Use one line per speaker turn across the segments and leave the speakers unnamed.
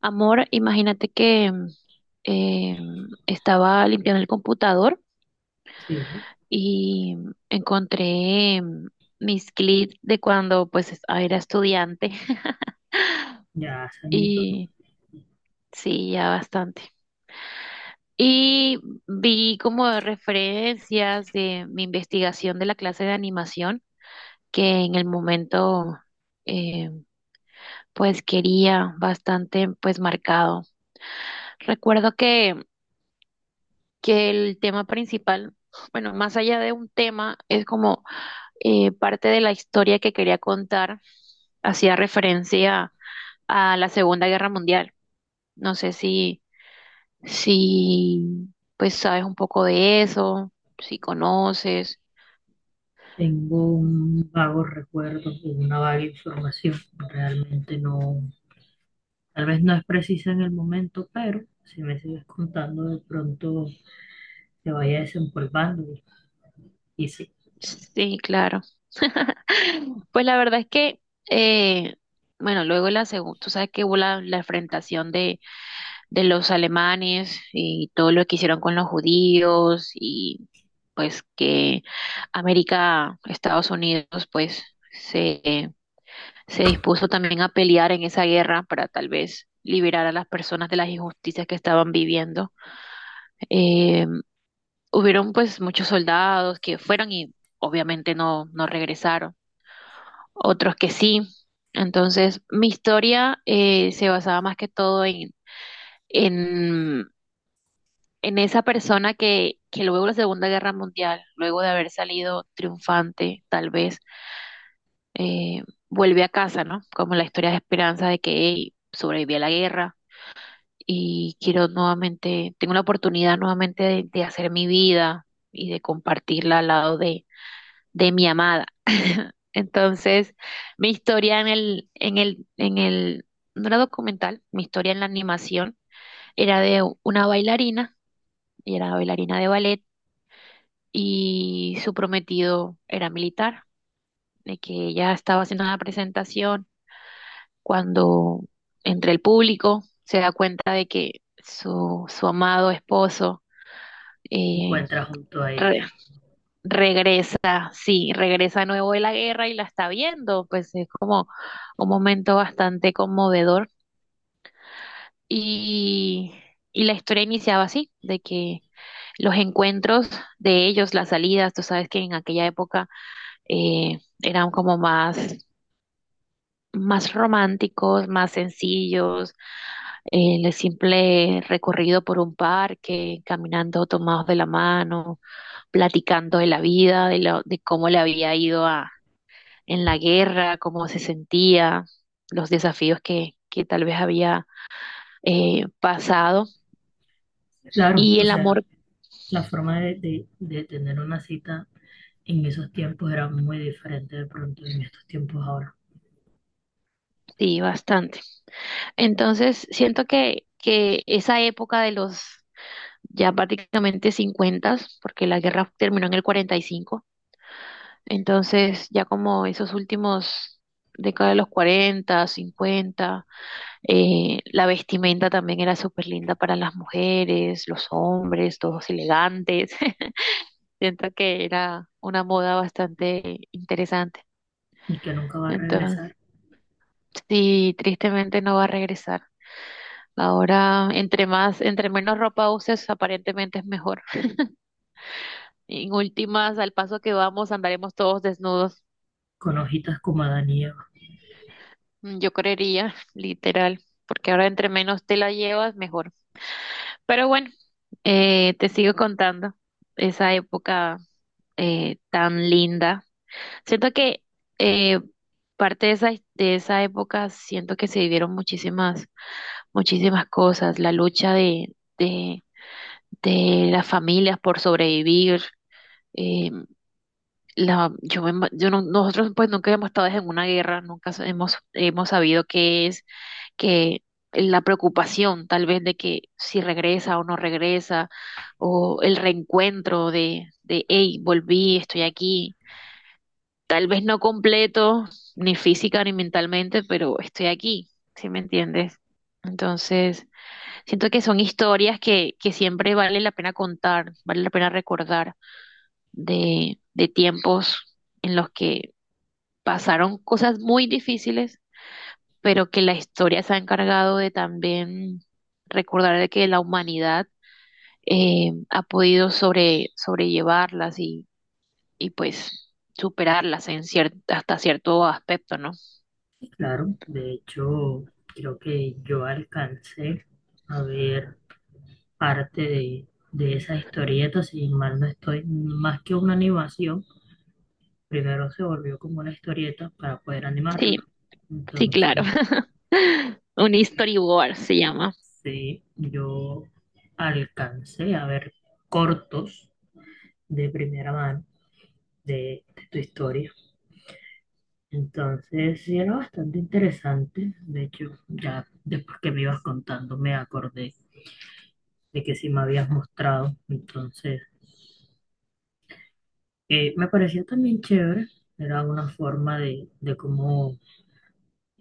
Amor, imagínate que eh, estaba limpiando el computador
Sí,
y encontré mis clips de cuando era estudiante
ya hace añitos, ¿no?
y sí, ya bastante. Y vi como referencias de mi investigación de la clase de animación que en el momento eh, pues quería bastante pues marcado. Recuerdo que el tema principal, bueno, más allá de un tema, es como parte de la historia que quería contar, hacía referencia a la Segunda Guerra Mundial. No sé si pues sabes un poco de eso, si conoces.
Tengo un vago recuerdo, y una vaga información. Realmente no, tal vez no es precisa en el momento, pero si me sigues contando, de pronto te vaya desempolvando y se
Sí, claro. Pues la verdad es que, eh, bueno, luego la segunda, tú sabes que hubo la enfrentación de los alemanes y todo lo que hicieron con los judíos y pues que América, Estados Unidos, pues se, se dispuso también a pelear en esa guerra para tal vez liberar a las personas de las injusticias que estaban viviendo. Eh, hubieron pues muchos soldados que fueron y obviamente no regresaron, otros que sí. Entonces, mi historia se basaba más que todo en, en esa persona que luego de la Segunda Guerra Mundial, luego de haber salido triunfante, tal vez, eh, vuelve a casa, ¿no? Como la historia de esperanza de que hey, sobreviví a la guerra y quiero nuevamente, tengo la oportunidad nuevamente de hacer mi vida y de compartirla al lado de mi amada. Entonces, mi historia no era documental, mi historia en la animación era de una bailarina, y era bailarina de ballet, y su prometido era militar, de que ella estaba haciendo una presentación cuando entre el público se da cuenta de que su amado esposo eh,
encuentra junto a ella.
re- regresa, sí, regresa nuevo de la guerra y la está viendo, pues es como un momento bastante conmovedor y, y la historia iniciaba así, de que los encuentros de ellos, las salidas, tú sabes que en aquella época eran como más románticos, más sencillos, el simple recorrido por un parque, caminando tomados de la mano, platicando de la vida, de, de cómo le había ido a, en la guerra, cómo se sentía, los desafíos que tal vez había pasado
Claro,
y
o
el
sea,
amor,
la forma de tener una cita en esos tiempos era muy diferente de pronto en estos tiempos ahora.
sí, bastante. Entonces, siento que esa época de los ya prácticamente 50, porque la guerra terminó en el 45. Entonces, ya como esos últimos, década de los 40 cincuenta, la vestimenta también era súper linda para las mujeres, los hombres, todos elegantes. Siento que era una moda bastante interesante.
Y que nunca va a
Entonces,
regresar
sí, tristemente no va a regresar. Ahora, entre más, entre menos ropa uses, aparentemente es mejor. En últimas, al paso que vamos, andaremos todos desnudos.
con hojitas como Adán y Eva.
Yo creería, literal, porque ahora entre menos te la llevas, mejor. Pero bueno, te sigo contando esa época tan linda. Siento que eh, parte de esa época, siento que se vivieron muchísimas, muchísimas cosas. La lucha de las familias por sobrevivir. Eh, la, yo me ima- yo no- Nosotros pues nunca hemos estado en una guerra, nunca hemos sabido qué es que la preocupación tal vez de que si regresa o no regresa, o el reencuentro hey, volví, estoy aquí, tal vez no completo, ni física ni mentalmente, pero estoy aquí, ¿sí me entiendes? Entonces, siento que son historias que siempre vale la pena contar, vale la pena recordar de tiempos en los que pasaron cosas muy difíciles pero que la historia se ha encargado de también recordar de que la humanidad ha podido sobrellevarlas y pues superarlas hasta cierto aspecto, ¿no?
Claro, de hecho, creo que yo alcancé a ver parte de esas historietas, si mal no estoy, más que una animación, primero se volvió como una historieta para poder animarla.
Sí, sí, claro.
Entonces,
Un storyboard se llama.
sí, yo alcancé a ver cortos de primera mano de tu historia. Entonces, sí, era bastante interesante. De hecho, ya después que me ibas contando, me acordé de que sí me habías mostrado. Entonces, me parecía también chévere. Era una forma de cómo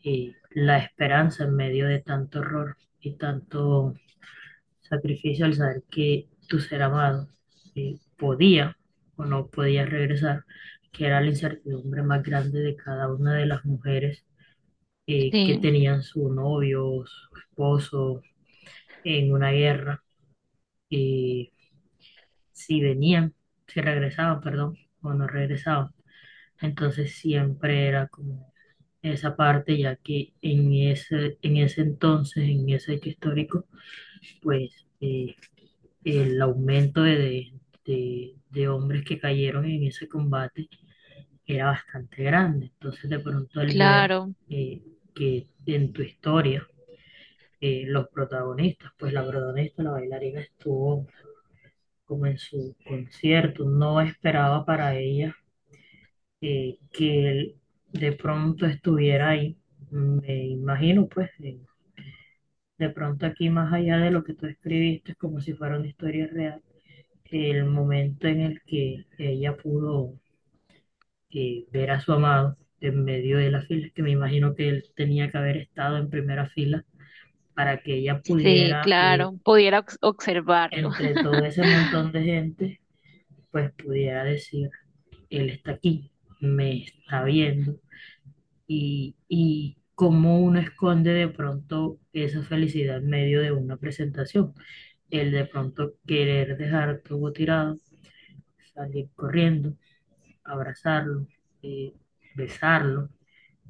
la esperanza en medio de tanto horror y tanto sacrificio al saber que tu ser amado podía o no podía regresar, que era la incertidumbre más grande de cada una de las mujeres que
Sí,
tenían su novio, o su esposo en una guerra, y si venían, si regresaban, perdón, o no regresaban. Entonces siempre era como esa parte, ya que en ese entonces, en ese hecho histórico, pues el aumento de hombres que cayeron en ese combate era bastante grande. Entonces de pronto al ver
claro,
eh, que en tu historia los protagonistas, pues la protagonista, la bailarina estuvo como en su concierto, no esperaba para ella que él de pronto estuviera ahí. Me imagino, pues, de pronto aquí más allá de lo que tú escribiste, es como si fuera una historia real, el momento en el que ella pudo ver a su amado en medio de las filas, que me imagino que él tenía que haber estado en primera fila para que ella
sí,
pudiera,
claro. Observarlo.
entre todo ese montón de gente, pues pudiera decir, él está aquí, me está viendo y cómo uno esconde de pronto esa felicidad en medio de una presentación. El de pronto querer dejar todo tirado, salir corriendo, abrazarlo, eh, besarlo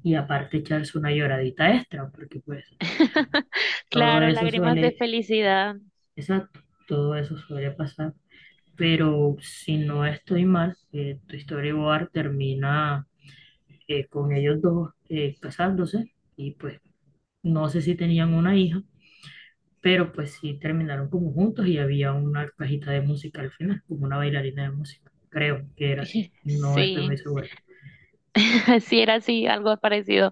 y aparte echarse una lloradita extra, porque pues todo
Claro,
eso
lágrimas de
suele,
felicidad.
exacto, todo eso suele pasar. Pero si no estoy mal, tu storyboard termina con ellos dos casándose y pues no sé si tenían una hija pero pues sí terminaron como juntos y había una cajita de música al final, como una bailarina de música, creo que era así, no estoy muy
Sí,
seguro.
sí, era así, algo parecido.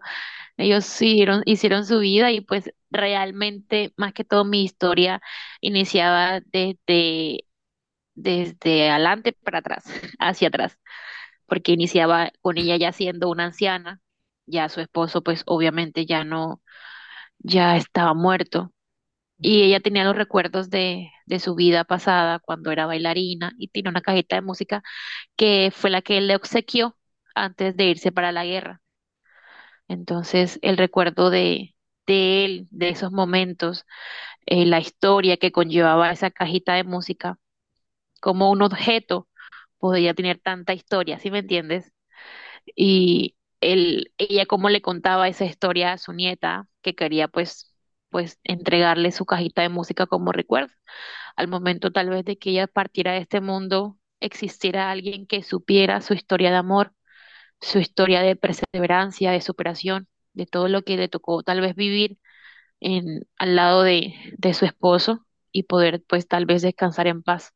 Ellos siguieron, hicieron su vida y pues realmente, más que todo, mi historia iniciaba desde adelante para atrás, hacia atrás, porque iniciaba con ella ya siendo una anciana, ya su esposo pues obviamente ya no, ya estaba muerto y ella tenía los recuerdos de su vida pasada cuando era bailarina y tiene una cajita de música que fue la que él le obsequió antes de irse para la guerra. Entonces, el recuerdo de él, de esos momentos, la historia que conllevaba esa cajita de música, como un objeto podía tener tanta historia, ¿sí me entiendes? Y él, ella cómo le contaba esa historia a su nieta, que quería pues entregarle su cajita de música como recuerdo. Al momento tal vez de que ella partiera de este mundo, existiera alguien que supiera su historia de amor, su historia de perseverancia, de superación, de todo lo que le tocó tal vez vivir en, al lado de su esposo y poder pues tal vez descansar en paz.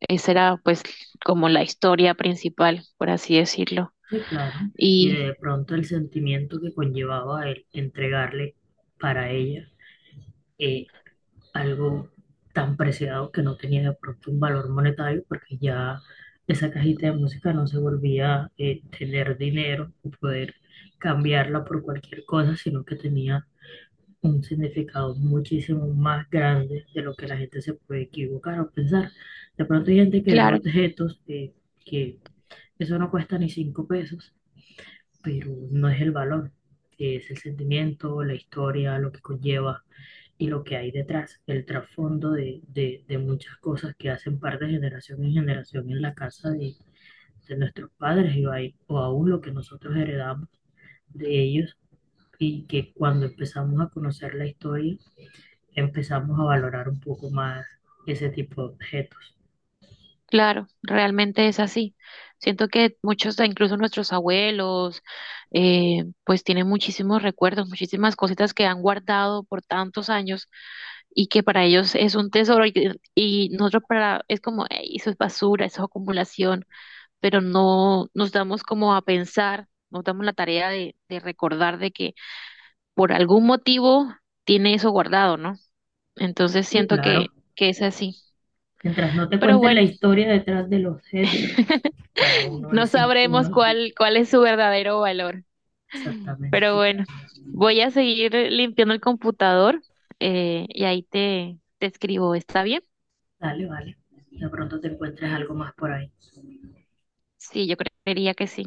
Esa era pues como la historia principal, por así decirlo.
Sí, claro, y
Y
de pronto el sentimiento que conllevaba el entregarle para ella eh, algo tan preciado que no tenía de pronto un valor monetario, porque ya esa cajita de música no se volvía tener dinero o poder cambiarla por cualquier cosa, sino que tenía un significado muchísimo más grande de lo que la gente se puede equivocar o pensar. De pronto hay gente que ve
claro,
objetos que eso no cuesta ni cinco pesos, pero no es el valor, que es el sentimiento, la historia, lo que conlleva y lo que hay detrás, el trasfondo de muchas cosas que hacen parte de generación en generación en la casa de nuestros padres y ahí- o aún lo que nosotros heredamos de ellos y que cuando empezamos a conocer la historia, empezamos a valorar un poco más ese tipo de objetos.
claro, realmente es así. Siento que muchos, incluso nuestros abuelos, pues tienen muchísimos recuerdos, muchísimas cositas que han guardado por tantos años y que para ellos es un tesoro y, y nosotros para, es como, "Ey, eso es basura, eso es acumulación", pero no nos damos como a pensar, nos damos la tarea de recordar de que por algún motivo tiene eso guardado, ¿no? Entonces
Sí,
siento
claro.
que es así.
Mientras no te
Pero
cuenten la
bueno.
historia detrás del objeto, para uno
No
es simple un
sabremos
objeto.
cuál es su verdadero valor. Pero
Exactamente.
bueno, voy a seguir limpiando el computador, y ahí te escribo. ¿Está bien?
Dale, vale. De pronto te encuentres algo más por ahí.
Sí, yo creería que sí.